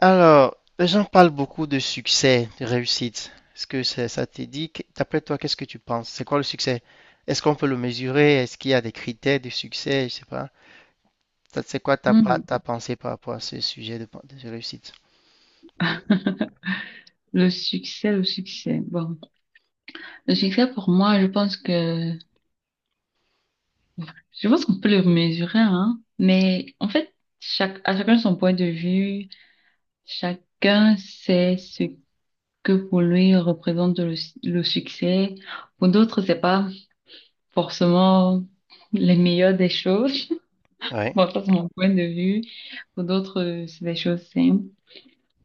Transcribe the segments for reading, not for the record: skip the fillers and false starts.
Alors, les gens parlent beaucoup de succès, de réussite. Est-ce que ça t'est dit? D'après toi, qu'est-ce que tu penses? C'est quoi le succès? Est-ce qu'on peut le mesurer? Est-ce qu'il y a des critères de succès? Je sais pas. Ça, c'est quoi ta, pa- Hmm. ta pensée par rapport à ce sujet de réussite? Le succès, le succès. Bon, le succès pour moi, je pense que je pense qu'on peut le mesurer, hein. Mais en fait, chaque à chacun son point de vue, chacun sait ce que pour lui représente le succès. Pour d'autres, c'est pas forcément les meilleures des choses. Ouais. Bon, ça, c'est mon point de vue. Pour d'autres, c'est des choses simples.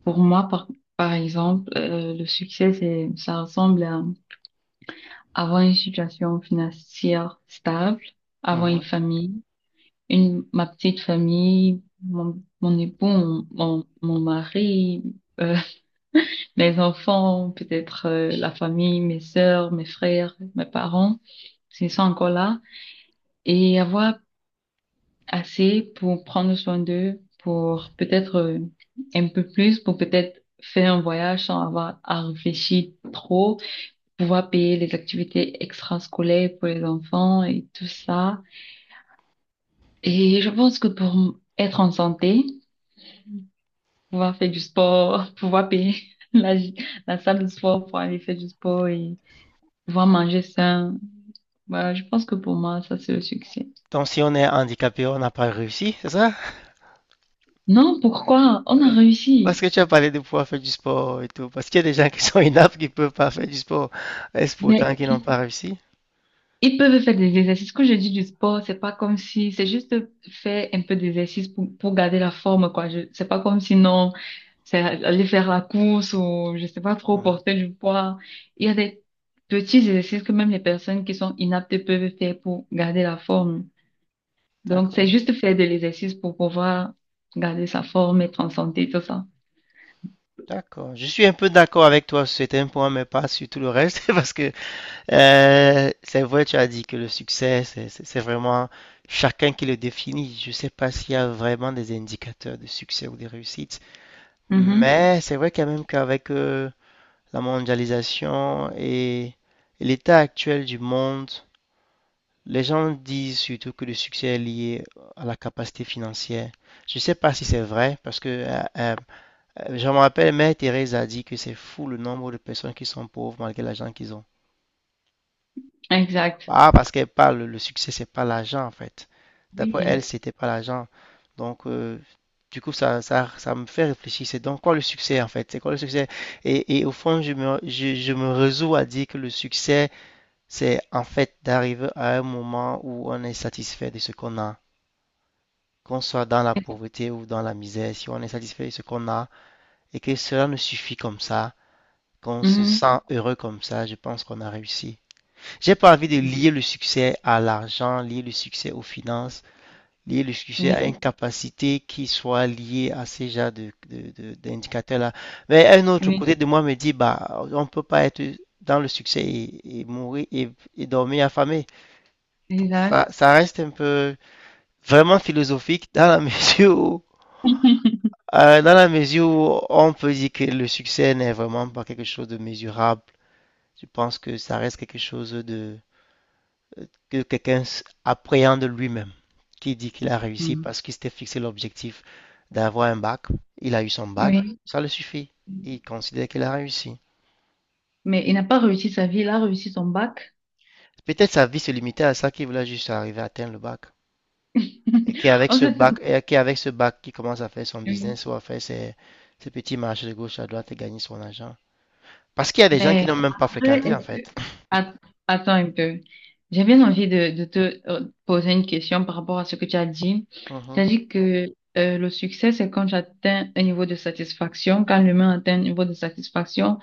Pour moi, par exemple, le succès, ça ressemble à avoir une situation financière stable, avoir une Mhm. famille, une, ma petite famille, mon époux, mon mari, euh, mes enfants, peut-être la famille, mes sœurs, mes frères, mes parents, s'ils sont encore là, et avoir assez pour prendre soin d'eux, pour peut-être un peu plus, pour peut-être faire un voyage sans avoir à réfléchir trop, pouvoir payer les activités extrascolaires pour les enfants et tout ça. Et je pense que pour être en santé, pouvoir faire du sport, pouvoir payer la, la salle de sport pour aller faire du sport et pouvoir manger sain, voilà, je pense que pour moi, ça c'est le succès. Donc, si on est handicapé, on n'a pas réussi, c'est ça? Non, pourquoi? On Euh, a réussi. Parce que tu as parlé de pouvoir faire du sport et tout. Parce qu'il y a des gens qui sont inaptes qui ne peuvent pas faire du sport. Est-ce Mais pourtant qu'ils n'ont pas réussi? ils peuvent faire des exercices. Quand je dis du sport, c'est pas comme si, c'est juste faire un peu d'exercice pour garder la forme, quoi. Je, c'est pas comme si non, c'est aller faire la course ou, je sais pas trop, Mhm. porter du poids. Il y a des petits exercices que même les personnes qui sont inaptes peuvent faire pour garder la forme. Donc, c'est D'accord. juste faire de l'exercice pour pouvoir garder sa forme, être en santé, tout ça. D'accord. Je suis un peu d'accord avec toi sur certains points, mais pas sur tout le reste, parce que c'est vrai, tu as dit que le succès, c'est vraiment chacun qui le définit. Je ne sais pas s'il y a vraiment des indicateurs de succès ou de réussite, Mhm. mais c'est vrai quand même qu'avec la mondialisation et l'état actuel du monde, les gens disent surtout que le succès est lié à la capacité financière. Je ne sais pas si c'est vrai, parce que je me rappelle, Mère Thérèse a dit que c'est fou le nombre de personnes qui sont pauvres malgré l'argent qu'ils ont. Exact. Ah, parce qu'elle parle, le succès, c'est pas l'argent en fait. D'après elle, Oui. c'était pas l'argent. Donc, du coup, ça me fait réfléchir. C'est donc quoi le succès en fait? C'est quoi le succès? Et au fond, je me résous à dire que le succès, c'est en fait d'arriver à un moment où on est satisfait de ce qu'on a. Qu'on soit dans la pauvreté ou dans la misère, si on est satisfait de ce qu'on a et que cela nous suffit comme ça, qu'on se Mhm. sent heureux comme ça, je pense qu'on a réussi. J'ai pas envie de lier le succès à l'argent, lier le succès aux finances, lier le succès à une Oui, capacité qui soit liée à ces genres d'indicateurs-là. Mais un autre oui, côté de moi me dit, bah, on peut pas être dans le succès et mourir et dormir affamé. Donc, exact. ça reste un peu vraiment philosophique dans la mesure où, dans la mesure où on peut dire que le succès n'est vraiment pas quelque chose de mesurable. Je pense que ça reste quelque chose de que quelqu'un appréhende lui-même, qui dit qu'il a réussi Mhm. parce qu'il s'était fixé l'objectif d'avoir un bac. Il a eu son bac, Oui, ça le suffit. Il considère qu'il a réussi. mais il n'a pas réussi sa vie, il a réussi son bac. Peut-être sa vie se limitait à ça, qu'il voulait juste arriver à atteindre le bac. Et qu'avec En ce fait, bac, et qu'avec ce bac, il commence à faire son oui. business ou à faire ses petits marchés de gauche à droite et gagner son argent. Parce qu'il y a des gens qui Mais n'ont même pas après, fréquenté, en est-ce que... fait. Att- Attends un peu. J'ai bien envie de te poser une question par rapport à ce que tu as dit. Tu Mhm, as dit que le succès, c'est quand j'atteins un niveau de satisfaction, quand l'humain atteint un niveau de satisfaction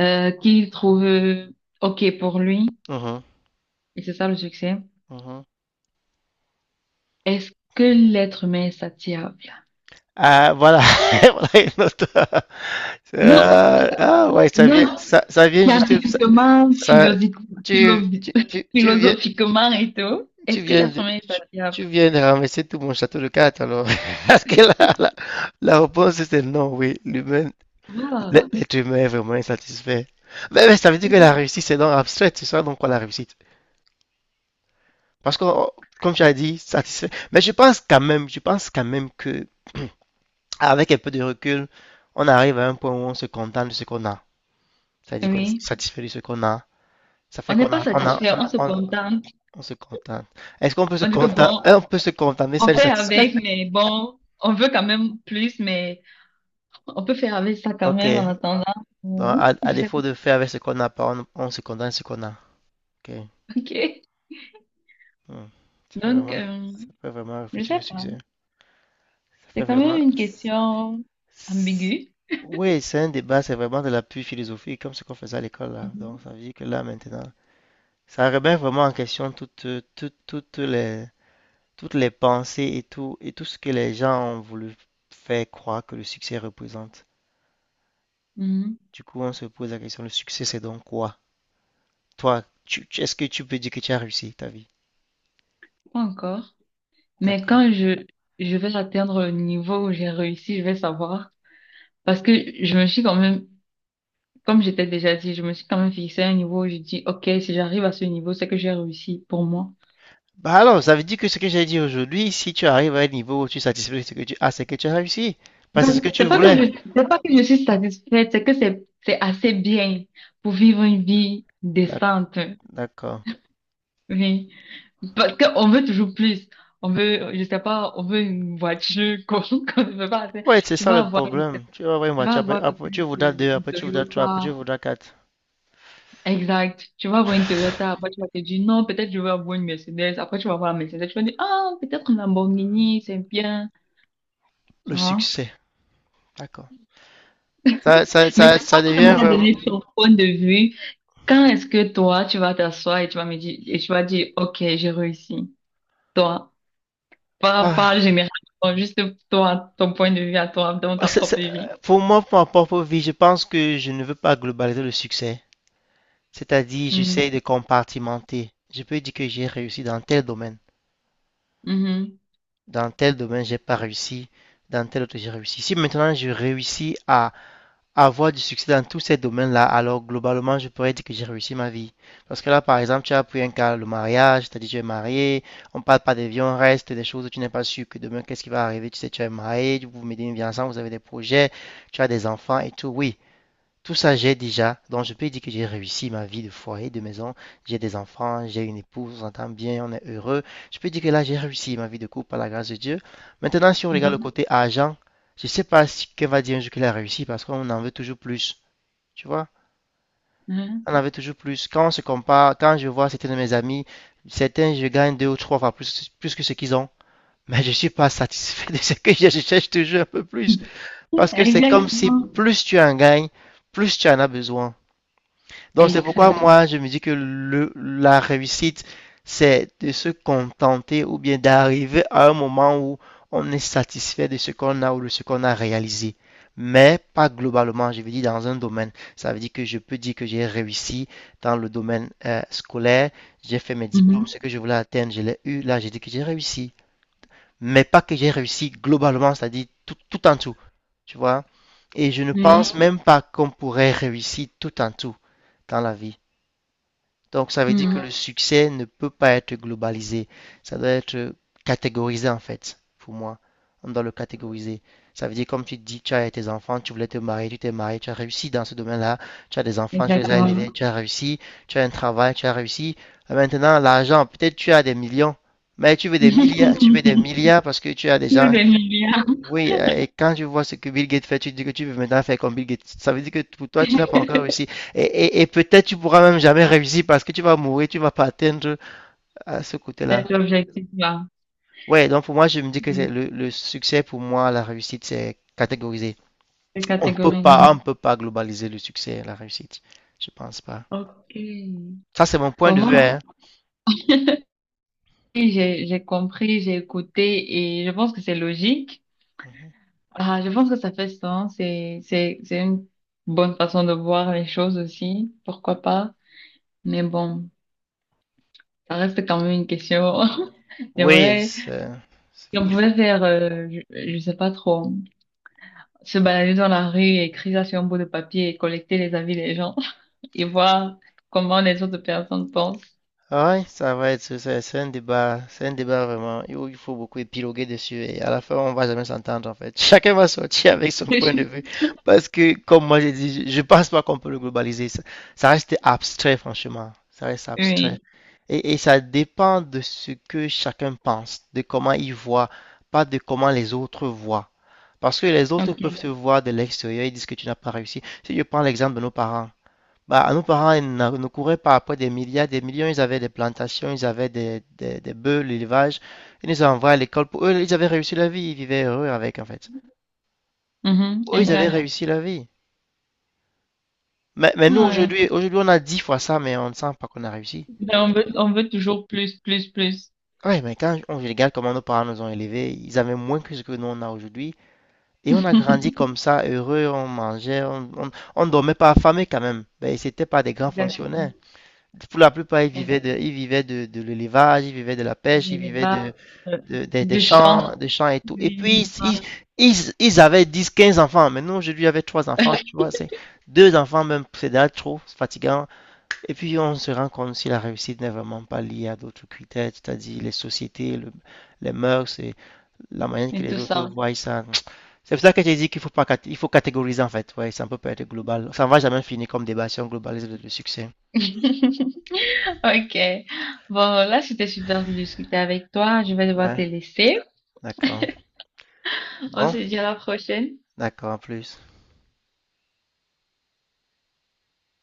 qu'il trouve OK pour lui, mhm, et c'est ça le succès. mhm. Est-ce que l'être humain est satiable? Ah, voilà. Voilà une autre. Non, Ah, ah ouais, non, Scientifiquement, ça- philosophi- tu, philo- tu, tu, tu viens, philosophiquement et tout, tu est-ce que viens, l'être de, humain est tu, satisfait? tu viens de ramasser tout mon château de cartes alors. Parce que la réponse c'est non, oui, l'humain, Voilà. l'être humain est vraiment insatisfait. Mais, ça veut dire que la réussite c'est donc abstrait, c'est ça donc quoi la réussite? Parce que, oh, comme tu as dit, satisfait. Mais je pense quand même que, avec un peu de recul, on arrive à un point où on se contente de ce qu'on a. C'est-à-dire qu'on est Oui, satisfait de ce qu'on a. Ça fait on n'est qu'on pas a, on a- on satisfait, on a- se on a- contente. on se contente. Est-ce qu'on peut se On dit que contenter, bon, on peut se contenter on celle fait avec, satisfaite? mais bon, on veut quand même plus, mais on peut faire avec ça quand Ok. même en attendant. Donc, à Je sais défaut pas. de faire avec ce qu'on n'a pas, on se contente de ce qu'on a. Ok. Ok. Hmm. Donc, Ça fait vraiment je réfléchir sais le pas. succès. Ça C'est fait quand même vraiment. une question ambiguë. Oui, c'est un débat, c'est vraiment de l'appui philosophique, comme ce qu'on faisait à l'école là. Mhm. Donc, ça veut dire que là maintenant, ça remet vraiment en question toutes les pensées et tout ce que les gens ont voulu faire croire que le succès représente. Mhm. Du coup, on se pose la question, le succès, c'est donc quoi? Toi, est-ce que tu peux dire que tu as réussi ta vie? Pas encore. Mais D'accord. Je vais atteindre le niveau où j'ai réussi, je vais savoir. Parce que je me suis quand même, comme j'étais déjà dit, je me suis quand même fixé un niveau où je dis, OK, si j'arrive à ce niveau, c'est que j'ai réussi pour moi. Bah alors, ça veut dire que ce que j'ai dit aujourd'hui, si tu arrives à un niveau où tu satisfais ce que tu as, c'est que tu as réussi. Parce que c'est ce Donc, que tu voulais. C'est pas que je suis satisfaite, c'est assez bien pour vivre une vie D'ac- décente. D'accord. Oui. Parce qu'on veut toujours plus. On veut, je sais pas, on veut une voiture qu'on qu'on ne veut pas. Assez. Ouais, c'est Tu ça vas le avoir, tu problème. Tu vas voir une vas voiture, après, avoir après tu peut-être voudras deux, une après tu voudras trois, après Toyota. tu voudras quatre. Exact. Tu vas avoir une Toyota, après tu vas te dire non, peut-être je vais avoir une Mercedes, après tu vas avoir la Mercedes, tu vas dire ah, peut-être une Lamborghini, c'est bien, Le tu vois. succès. D'accord. Ça, ça, Mais ça, toi, ça tu ne m'as devient pas vraiment... donné ton point de vue. Quand est-ce que toi, tu vas t'asseoir et tu vas me dire, ok, j'ai réussi. Toi, pas Ah. généralement, juste toi, ton point de vue à toi, dans Bah, ta propre vie. Pour moi, pour ma propre vie, je pense que je ne veux pas globaliser le succès. C'est-à-dire, Mhm, j'essaie de compartimenter. Je peux dire que j'ai réussi dans tel domaine. mhm, Dans tel domaine, j'ai pas réussi. Dans tel autre, j'ai réussi. Si maintenant je réussis à avoir du succès dans tous ces domaines-là, alors globalement, je pourrais dire que j'ai réussi ma vie. Parce que là, par exemple, tu as pris un cas, le mariage, c'est-à-dire tu es marié, on parle pas des vies, on reste des choses où tu n'es pas sûr que demain, qu'est-ce qui va arriver. Tu sais, tu es marié, vous menez une vie ensemble, vous avez des projets, tu as des enfants et tout. Oui, tout ça, j'ai déjà. Donc, je peux dire que j'ai réussi ma vie de foyer, de maison. J'ai des enfants, j'ai une épouse, on s'entend bien, on est heureux. Je peux dire que là, j'ai réussi ma vie de couple par la grâce de Dieu. Maintenant, si on regarde le mhm, côté argent, je ne sais pas ce qu'elle va dire un jour qu'elle a réussi parce qu'on en veut toujours plus. Tu vois? mhm. On en veut toujours plus. Quand on se compare, quand je vois certains de mes amis, certains, je gagne 2 ou 3 fois plus que ce qu'ils ont. Mais je ne suis pas satisfait de ce que j'ai. Je cherche toujours un peu plus. Parce que c'est comme si Exactement. plus tu en gagnes, plus tu en as besoin. Donc c'est pourquoi Exact. moi je me dis que la réussite, c'est de se contenter ou bien d'arriver à un moment où on est satisfait de ce qu'on a ou de ce qu'on a réalisé. Mais pas globalement, je veux dire dans un domaine. Ça veut dire que je peux dire que j'ai réussi dans le domaine scolaire, j'ai fait mes diplômes, Mhm. ce que je voulais atteindre, je l'ai eu, là j'ai dit que j'ai réussi. Mais pas que j'ai réussi globalement, c'est-à-dire tout, tout en tout. Tu vois? Et je ne pense Oui. même pas qu'on pourrait réussir tout en tout dans la vie. Donc, ça veut dire que Mhm. le succès ne peut pas être globalisé. Ça doit être catégorisé, en fait, pour moi. On doit le catégoriser. Ça veut dire, comme tu dis, tu as tes enfants, tu voulais te marier, tu t'es marié, tu as réussi dans ce domaine-là. Tu as des enfants, tu les as élevés, Exactement. tu as réussi. Tu as un travail, tu as réussi. Et maintenant, l'argent, peut-être tu as des millions, mais tu veux des milliards, tu veux des milliards parce que tu as des Vous gens aimez bien oui, et quand tu vois ce que Bill Gates fait, tu te dis que tu veux maintenant faire comme Bill Gates. Ça veut dire que pour toi, tu n'as pas encore réussi. Et peut-être tu pourras même jamais réussir parce que tu vas mourir, tu vas pas atteindre à ce côté-là. cet objectif-là, Ouais, donc pour moi, je me dis que c'est c'est- le succès, pour moi, la réussite, c'est catégorisé. cette On peut catégorie-là. pas, on peut pas globaliser le succès, et la réussite. Je pense pas. Ok. Ça, c'est mon point Bon, de vue, moi, hein. oui, j'ai compris, j'ai écouté et je pense que c'est logique. Ah, je pense que ça fait sens et c'est une bonne façon de voir les choses aussi. Pourquoi pas? Mais bon, ça reste quand même une question. Oui, J'aimerais, si on il faut, pouvait faire, je sais pas trop, se balader dans la rue, et écrire ça sur un bout de papier et collecter les avis des gens et voir comment les autres personnes pensent. ah ouais, c'est un débat, c'est un débat vraiment où il faut beaucoup épiloguer dessus et à la fin on va jamais s'entendre en fait. Chacun va sortir avec son point de vue parce que comme moi j'ai dit, je pense pas qu'on peut le globaliser. Ça reste abstrait franchement, ça reste abstrait Oui, et ça dépend de ce que chacun pense, de comment il voit, pas de comment les autres voient. Parce que les autres peuvent ok. te voir de l'extérieur et disent que tu n'as pas réussi. Si je prends l'exemple de nos parents. Bah, nos parents, ils ne couraient pas après des milliards, des millions. Ils avaient des plantations, ils avaient des bœufs, l'élevage. Ils nous envoyaient à l'école. Pour eux, ils avaient réussi la vie. Ils vivaient heureux avec, en fait. Mhm, Eux, ils avaient exact. réussi la vie. Mais, nous, Ah ouais. aujourd'hui, on a 10 fois ça, mais on ne sent pas qu'on a réussi. Ben, on veut toujours plus, plus, plus. Oui mais quand on regarde comment nos parents nous ont élevés, ils avaient moins que ce que nous, on a aujourd'hui. Et on a grandi comme ça, heureux, on mangeait, on dormait pas affamé quand même. Mais c'était pas des grands Exactement. fonctionnaires. Pour la plupart, ils Et vivaient de l'élevage, ils vivaient de la pêche, des ils vivaient de, débats, euh, de- des- des du chant, champs des champs et tout. Et oui, puis, ils avaient 10 15 enfants. Maintenant, aujourd'hui, avait trois enfants, tu vois, c'est deux enfants même, c'est déjà trop, c'est fatigant. Et puis, on se rend compte si la réussite n'est vraiment pas liée à d'autres critères, c'est-à-dire les sociétés, les mœurs et la manière que et les tout autres ça. voient ça. C'est pour ça que j'ai dit qu'il faut pas, il faut catégoriser en fait. Ouais, ça ne peut pas être global. Ça ne va jamais finir comme débat sur un globalisme de succès. Ok. Bon, là, c'était super de discuter avec toi. Je vais devoir te Ouais, laisser. d'accord. On Bon, se dit à la prochaine. d'accord, en plus.